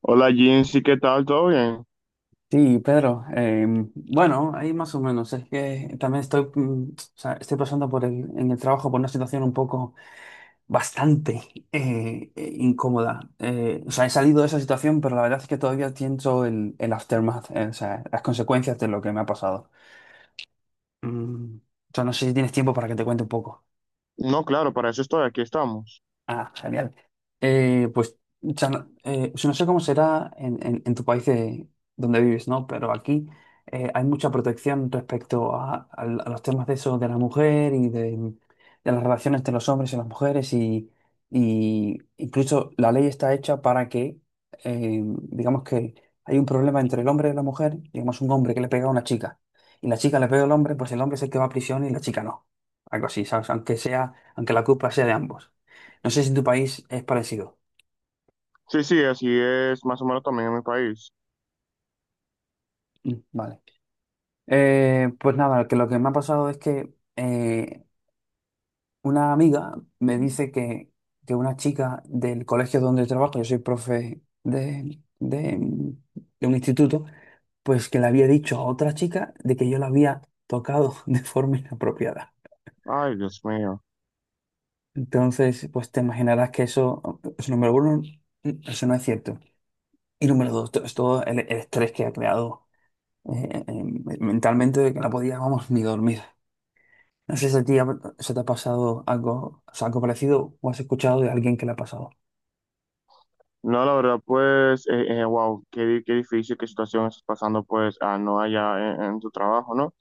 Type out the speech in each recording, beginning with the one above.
Hola Jinsi, ¿qué tal? ¿Todo bien? Sí, Pedro. Bueno, ahí más o menos. Es que también estoy, o sea, estoy pasando por en el trabajo por una situación un poco bastante incómoda. O sea, he salido de esa situación, pero la verdad es que todavía siento el aftermath, o sea, las consecuencias de lo que me ha pasado. O sea, no sé si tienes tiempo para que te cuente un poco. No, claro, para eso estoy, aquí estamos. Ah, genial. Pues, o sea, no si no sé cómo será en, en tu país, donde vives, ¿no? Pero aquí hay mucha protección respecto a los temas de eso, de la mujer y de las relaciones entre los hombres y las mujeres. Y incluso la ley está hecha para que, digamos que hay un problema entre el hombre y la mujer, digamos un hombre que le pega a una chica y la chica le pega al hombre, pues el hombre es el que va a prisión y la chica no. Algo así, ¿sabes? Aunque sea, aunque la culpa sea de ambos. No sé si en tu país es parecido. Sí, sí, así es más o menos también en mi país. Mm, vale. Pues nada, que lo que me ha pasado es que una amiga me dice que una chica del colegio donde trabajo, yo soy profe de un instituto, pues que le había dicho a otra chica de que yo la había tocado de forma inapropiada. Ay, Dios mío. Entonces, pues te imaginarás que eso, pues, número uno, eso no es cierto. Y número dos, es todo el estrés que ha creado mentalmente de que no podía, vamos, ni dormir. No sé si a ti se te ha pasado algo, o sea, algo parecido o has escuchado de alguien que le ha pasado. No, la verdad, pues, wow, qué, qué difícil, qué situación estás pasando, pues, ah, no allá en tu trabajo, ¿no?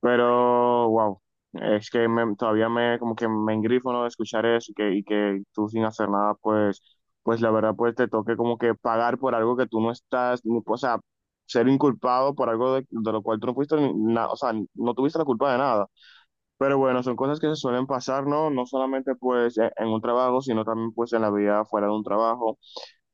Pero, wow, es que todavía me, como que me engrifo, ¿no? De escuchar eso y que tú sin hacer nada, pues, pues la verdad, pues te toque como que pagar por algo que tú no estás, o sea, ser inculpado por algo de lo cual tú no fuiste, ni na- o sea, no tuviste la culpa de nada. Pero bueno, son cosas que se suelen pasar, ¿no? No solamente pues en un trabajo, sino también pues en la vida fuera de un trabajo.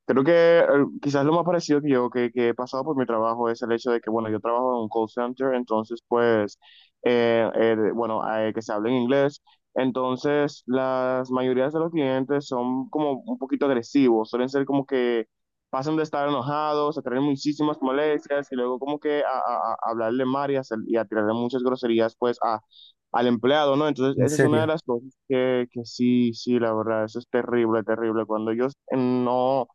Creo que quizás lo más parecido que he pasado por mi trabajo es el hecho de que, bueno, yo trabajo en un call center, entonces, pues, bueno, que se hable en inglés. Entonces, las mayorías de los clientes son como un poquito agresivos, suelen ser como que pasan de estar enojados a tener muchísimas molestias y luego como que a, a hablarle mal y a, y a tirarle muchas groserías, pues, a, al empleado, ¿no? Entonces, ¿En esa es una de serio? las cosas que sí, sí, la verdad, eso es terrible, terrible. Cuando ellos no...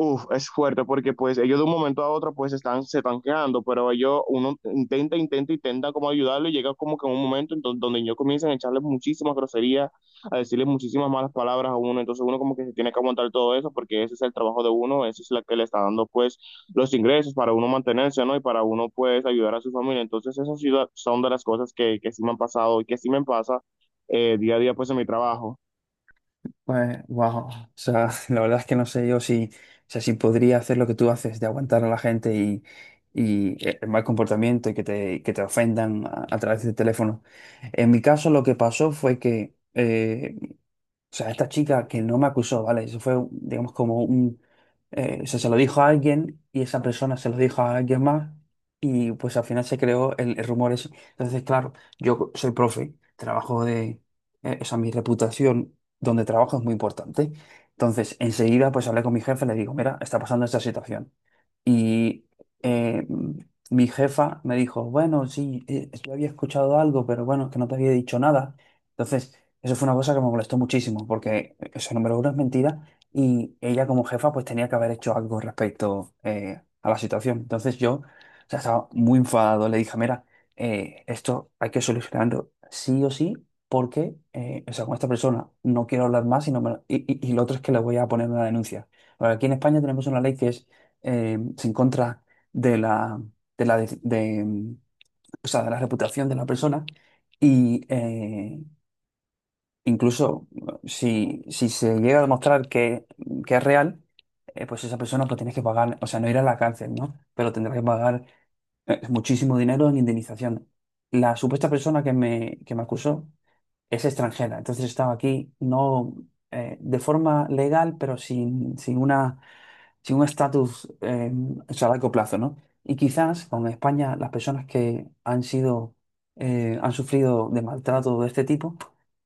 Uf, es fuerte porque pues ellos de un momento a otro pues están, se están quejando, pero ellos, uno intenta, intenta, intenta como ayudarlo y llega como que en un momento en donde ellos comienzan a echarle muchísimas groserías, a decirles muchísimas malas palabras a uno, entonces uno como que se tiene que aguantar todo eso porque ese es el trabajo de uno, eso es la que le está dando pues los ingresos para uno mantenerse, ¿no? Y para uno pues ayudar a su familia, entonces esas son de las cosas que sí me han pasado y que sí me pasa día a día pues en mi trabajo. Pues, wow. O sea, la verdad es que no sé yo si, o sea, si podría hacer lo que tú haces, de aguantar a la gente y el mal comportamiento y que te ofendan a través del teléfono. En mi caso, lo que pasó fue que, o sea, esta chica que no me acusó, ¿vale? Eso fue, digamos, como un se lo dijo a alguien y esa persona se lo dijo a alguien más y pues al final se creó el rumor ese. Entonces, claro, yo soy profe, trabajo de, o sea, mi reputación donde trabajo es muy importante. Entonces, enseguida pues hablé con mi jefe, le digo, mira, está pasando esta situación. Y eh, mm, mi jefa me dijo, bueno, sí, yo había escuchado algo, pero bueno, es que no te había dicho nada. Entonces, eso fue una cosa que me molestó muchísimo, porque eso, número uno, es mentira y ella como jefa pues tenía que haber hecho algo respecto a la situación. Entonces yo, o sea, estaba muy enfadado, le dije, mira, esto hay que solucionarlo sí o sí, porque, o sea, con esta persona no quiero hablar más y, no me- y lo otro es que le voy a poner una denuncia. Ahora, aquí en España tenemos una ley que es se en contra de la, de la, de, o sea, de la reputación de la persona y, incluso si se llega a demostrar que es real, pues esa persona pues tienes que pagar, o sea, no ir a la cárcel, ¿no? Pero tendrás que pagar muchísimo dinero en indemnización. La supuesta persona que me acusó es extranjera, entonces estaba aquí no de forma legal, pero sin una sí, un estatus eso a largo plazo, ¿no? Y quizás con España las personas que han sido, han sufrido de maltrato de este tipo,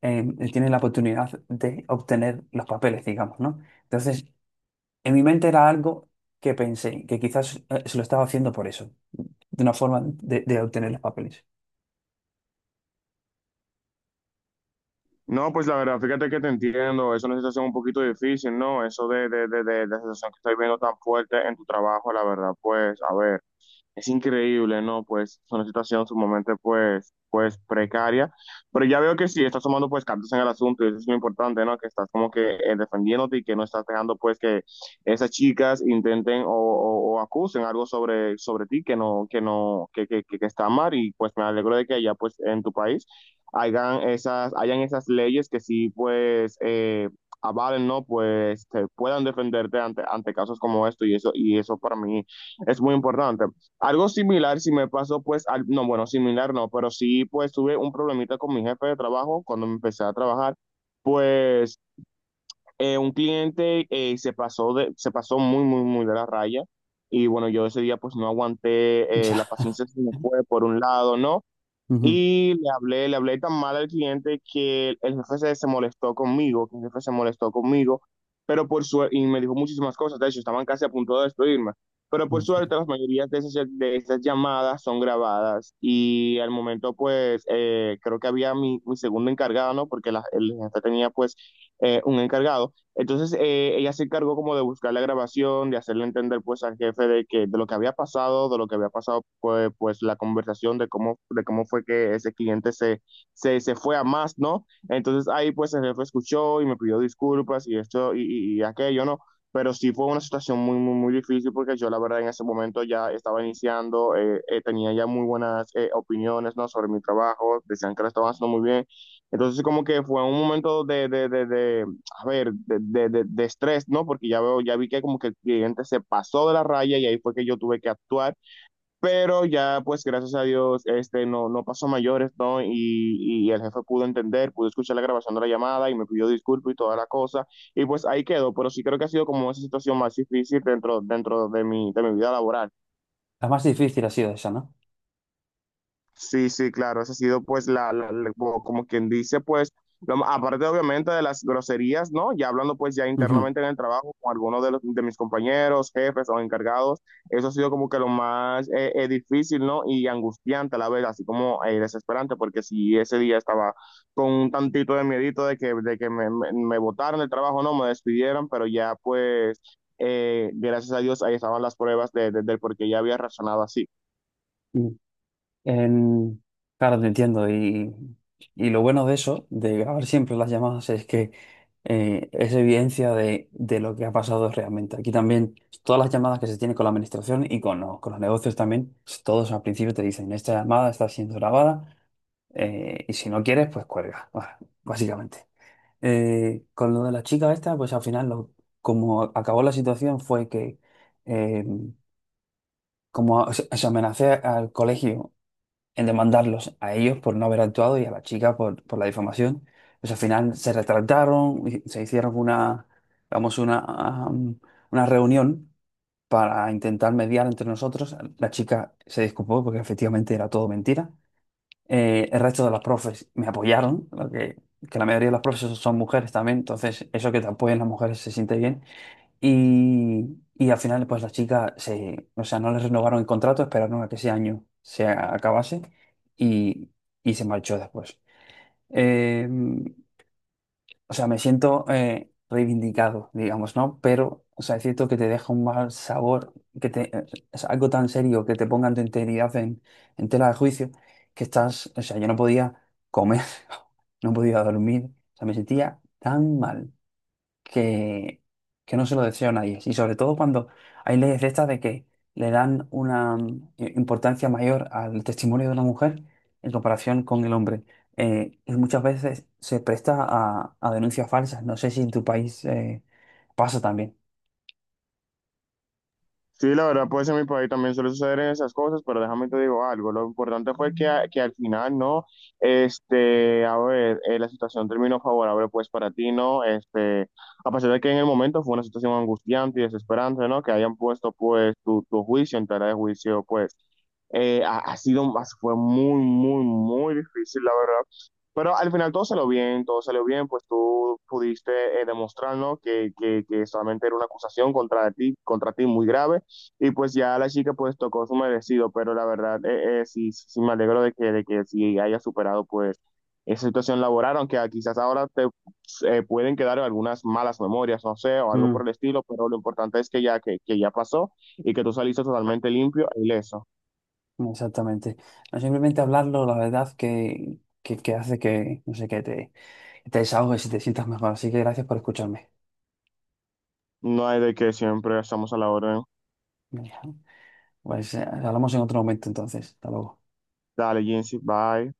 eh, tienen la oportunidad de obtener los papeles, digamos, ¿no? Entonces, en mi mente era algo que pensé, que quizás se lo estaba haciendo por eso, de una forma de obtener los papeles. No, pues la verdad, fíjate que te entiendo, es una situación un poquito difícil, ¿no? Eso de, de la situación que estoy viendo tan fuerte en tu trabajo, la verdad, pues, a ver, es increíble, ¿no? Pues es una situación sumamente, pues, pues precaria, pero ya veo que sí, estás tomando, pues, cartas en el asunto y eso es lo importante, ¿no? Que estás como que defendiéndote y que no estás dejando, pues, que esas chicas intenten o, o acusen algo sobre, sobre ti que no, que no, que está mal y pues me alegro de que allá, pues, en tu país hagan esas, hayan esas leyes que sí, pues, avalen, ¿no? Pues, te puedan defenderte ante, ante casos como esto y eso para mí es muy importante. Algo similar, si me pasó, pues, al, no, bueno, similar no, pero sí, pues, tuve un problemita con mi jefe de trabajo cuando me empecé a trabajar. Pues, un cliente se pasó de, se pasó muy, muy, muy de la raya. Y bueno, yo ese día pues no aguanté la Ya. paciencia que me fue por un lado, ¿no? Ujú. Y le hablé tan mal al cliente que el, jefe se, se molestó conmigo, que el jefe se molestó conmigo, pero por suerte, y me dijo muchísimas cosas, de hecho, estaban casi a punto de despedirme, pero por suerte las mayorías de esas llamadas son grabadas y al momento pues creo que había mi, mi segundo encargado, ¿no? Porque la, el jefe tenía pues un encargado. Entonces ella se encargó como de buscar la grabación, de hacerle entender pues al jefe de que de lo que había pasado, de lo que había pasado pues, pues la conversación de cómo fue que ese cliente se, se, se fue a más, ¿no? Entonces ahí pues el jefe escuchó y me pidió disculpas y esto y aquello, ¿no? Pero sí fue una situación muy, muy, muy difícil porque yo la verdad en ese momento ya estaba iniciando, tenía ya muy buenas opiniones, ¿no? Sobre mi trabajo, decían que lo estaba haciendo muy bien. Entonces como que fue un momento de, de a ver, de, de estrés, ¿no? Porque ya veo, ya vi que como que el cliente se pasó de la raya y ahí fue que yo tuve que actuar, pero ya pues gracias a Dios, este, no, no pasó mayores, ¿no? Y el jefe pudo entender, pudo escuchar la grabación de la llamada y me pidió disculpas y toda la cosa, y pues ahí quedó, pero sí creo que ha sido como esa situación más difícil dentro, dentro de mi vida laboral. La más difícil ha sido esa, ¿no? Sí, sí, claro, esa ha sido pues la, como como quien dice pues, aparte obviamente de las groserías, ¿no? Ya hablando pues ya Ujú. internamente en el trabajo con algunos de, los, de mis compañeros, jefes o encargados, eso ha sido como que lo más difícil, ¿no? Y angustiante a la vez, así como desesperante, porque si ese día estaba con un tantito de miedito de que me botaran del trabajo, no, me despidieran, pero ya pues, gracias a Dios ahí estaban las pruebas de, del por qué ya había razonado así. En- Claro, te entiendo. Y lo bueno de eso, de grabar siempre las llamadas, es que es evidencia de lo que ha pasado realmente. Aquí también, todas las llamadas que se tienen con la administración y con los negocios también, todos al principio te dicen, esta llamada está siendo grabada y si no quieres, pues cuelga, bah, básicamente. Con lo de la chica esta, pues al final, lo, como acabó la situación fue que... eh, como se amenacé al colegio en demandarlos a ellos por no haber actuado y a la chica por la difamación. Pues al final se retractaron, y se hicieron vamos, um, una reunión para intentar mediar entre nosotros. La chica se disculpó porque efectivamente era todo mentira. El resto de las profes me apoyaron, lo que la mayoría de las profes son mujeres también, entonces eso que te apoyen las mujeres se siente bien. Y al final, pues la chica se, o sea, no le renovaron el contrato, esperaron a que ese año se acabase y, y se marchó después. Eh, o sea, me siento reivindicado, digamos, ¿no? Pero, o sea, es cierto que te deja un mal sabor, que te, es algo tan serio que te pongan tu integridad en tela de juicio, que estás, o sea, yo no podía comer, no podía dormir, o sea, me sentía tan mal que, que no se lo deseo a nadie. Y sobre todo cuando hay leyes de estas de que le dan una importancia mayor al testimonio de la mujer en comparación con el hombre. Y muchas veces se presta a denuncias falsas. No sé si en tu país pasa también. Sí, la verdad, pues en mi país también suele suceder esas cosas, pero déjame te digo algo. Lo importante fue que, que al final, ¿no? Este, a ver, la situación terminó favorable, pues para ti, ¿no? Este, a pesar de que en el momento fue una situación angustiante y desesperante, ¿no? Que hayan puesto, pues, tu juicio en tela de juicio, pues. Ha sido, fue muy, muy, muy difícil, la verdad. Pero al final todo salió bien, pues tú pudiste demostrarnos que, que solamente era una acusación contra ti muy grave, y pues ya la chica pues tocó su merecido, pero la verdad sí, sí me alegro de que sí haya superado pues esa situación laboral, aunque ah, quizás ahora te pueden quedar algunas malas memorias, no sé, o algo Mm. por el estilo, pero lo importante es que ya pasó y que tú saliste totalmente limpio e ileso. Exactamente. No simplemente hablarlo, la verdad que hace que, no sé, que te desahogues y te sientas mejor. Así que gracias por escucharme. No hay de que siempre estamos a la orden. Venga, pues hablamos en otro momento entonces. Hasta luego. Dale, Jensi, bye.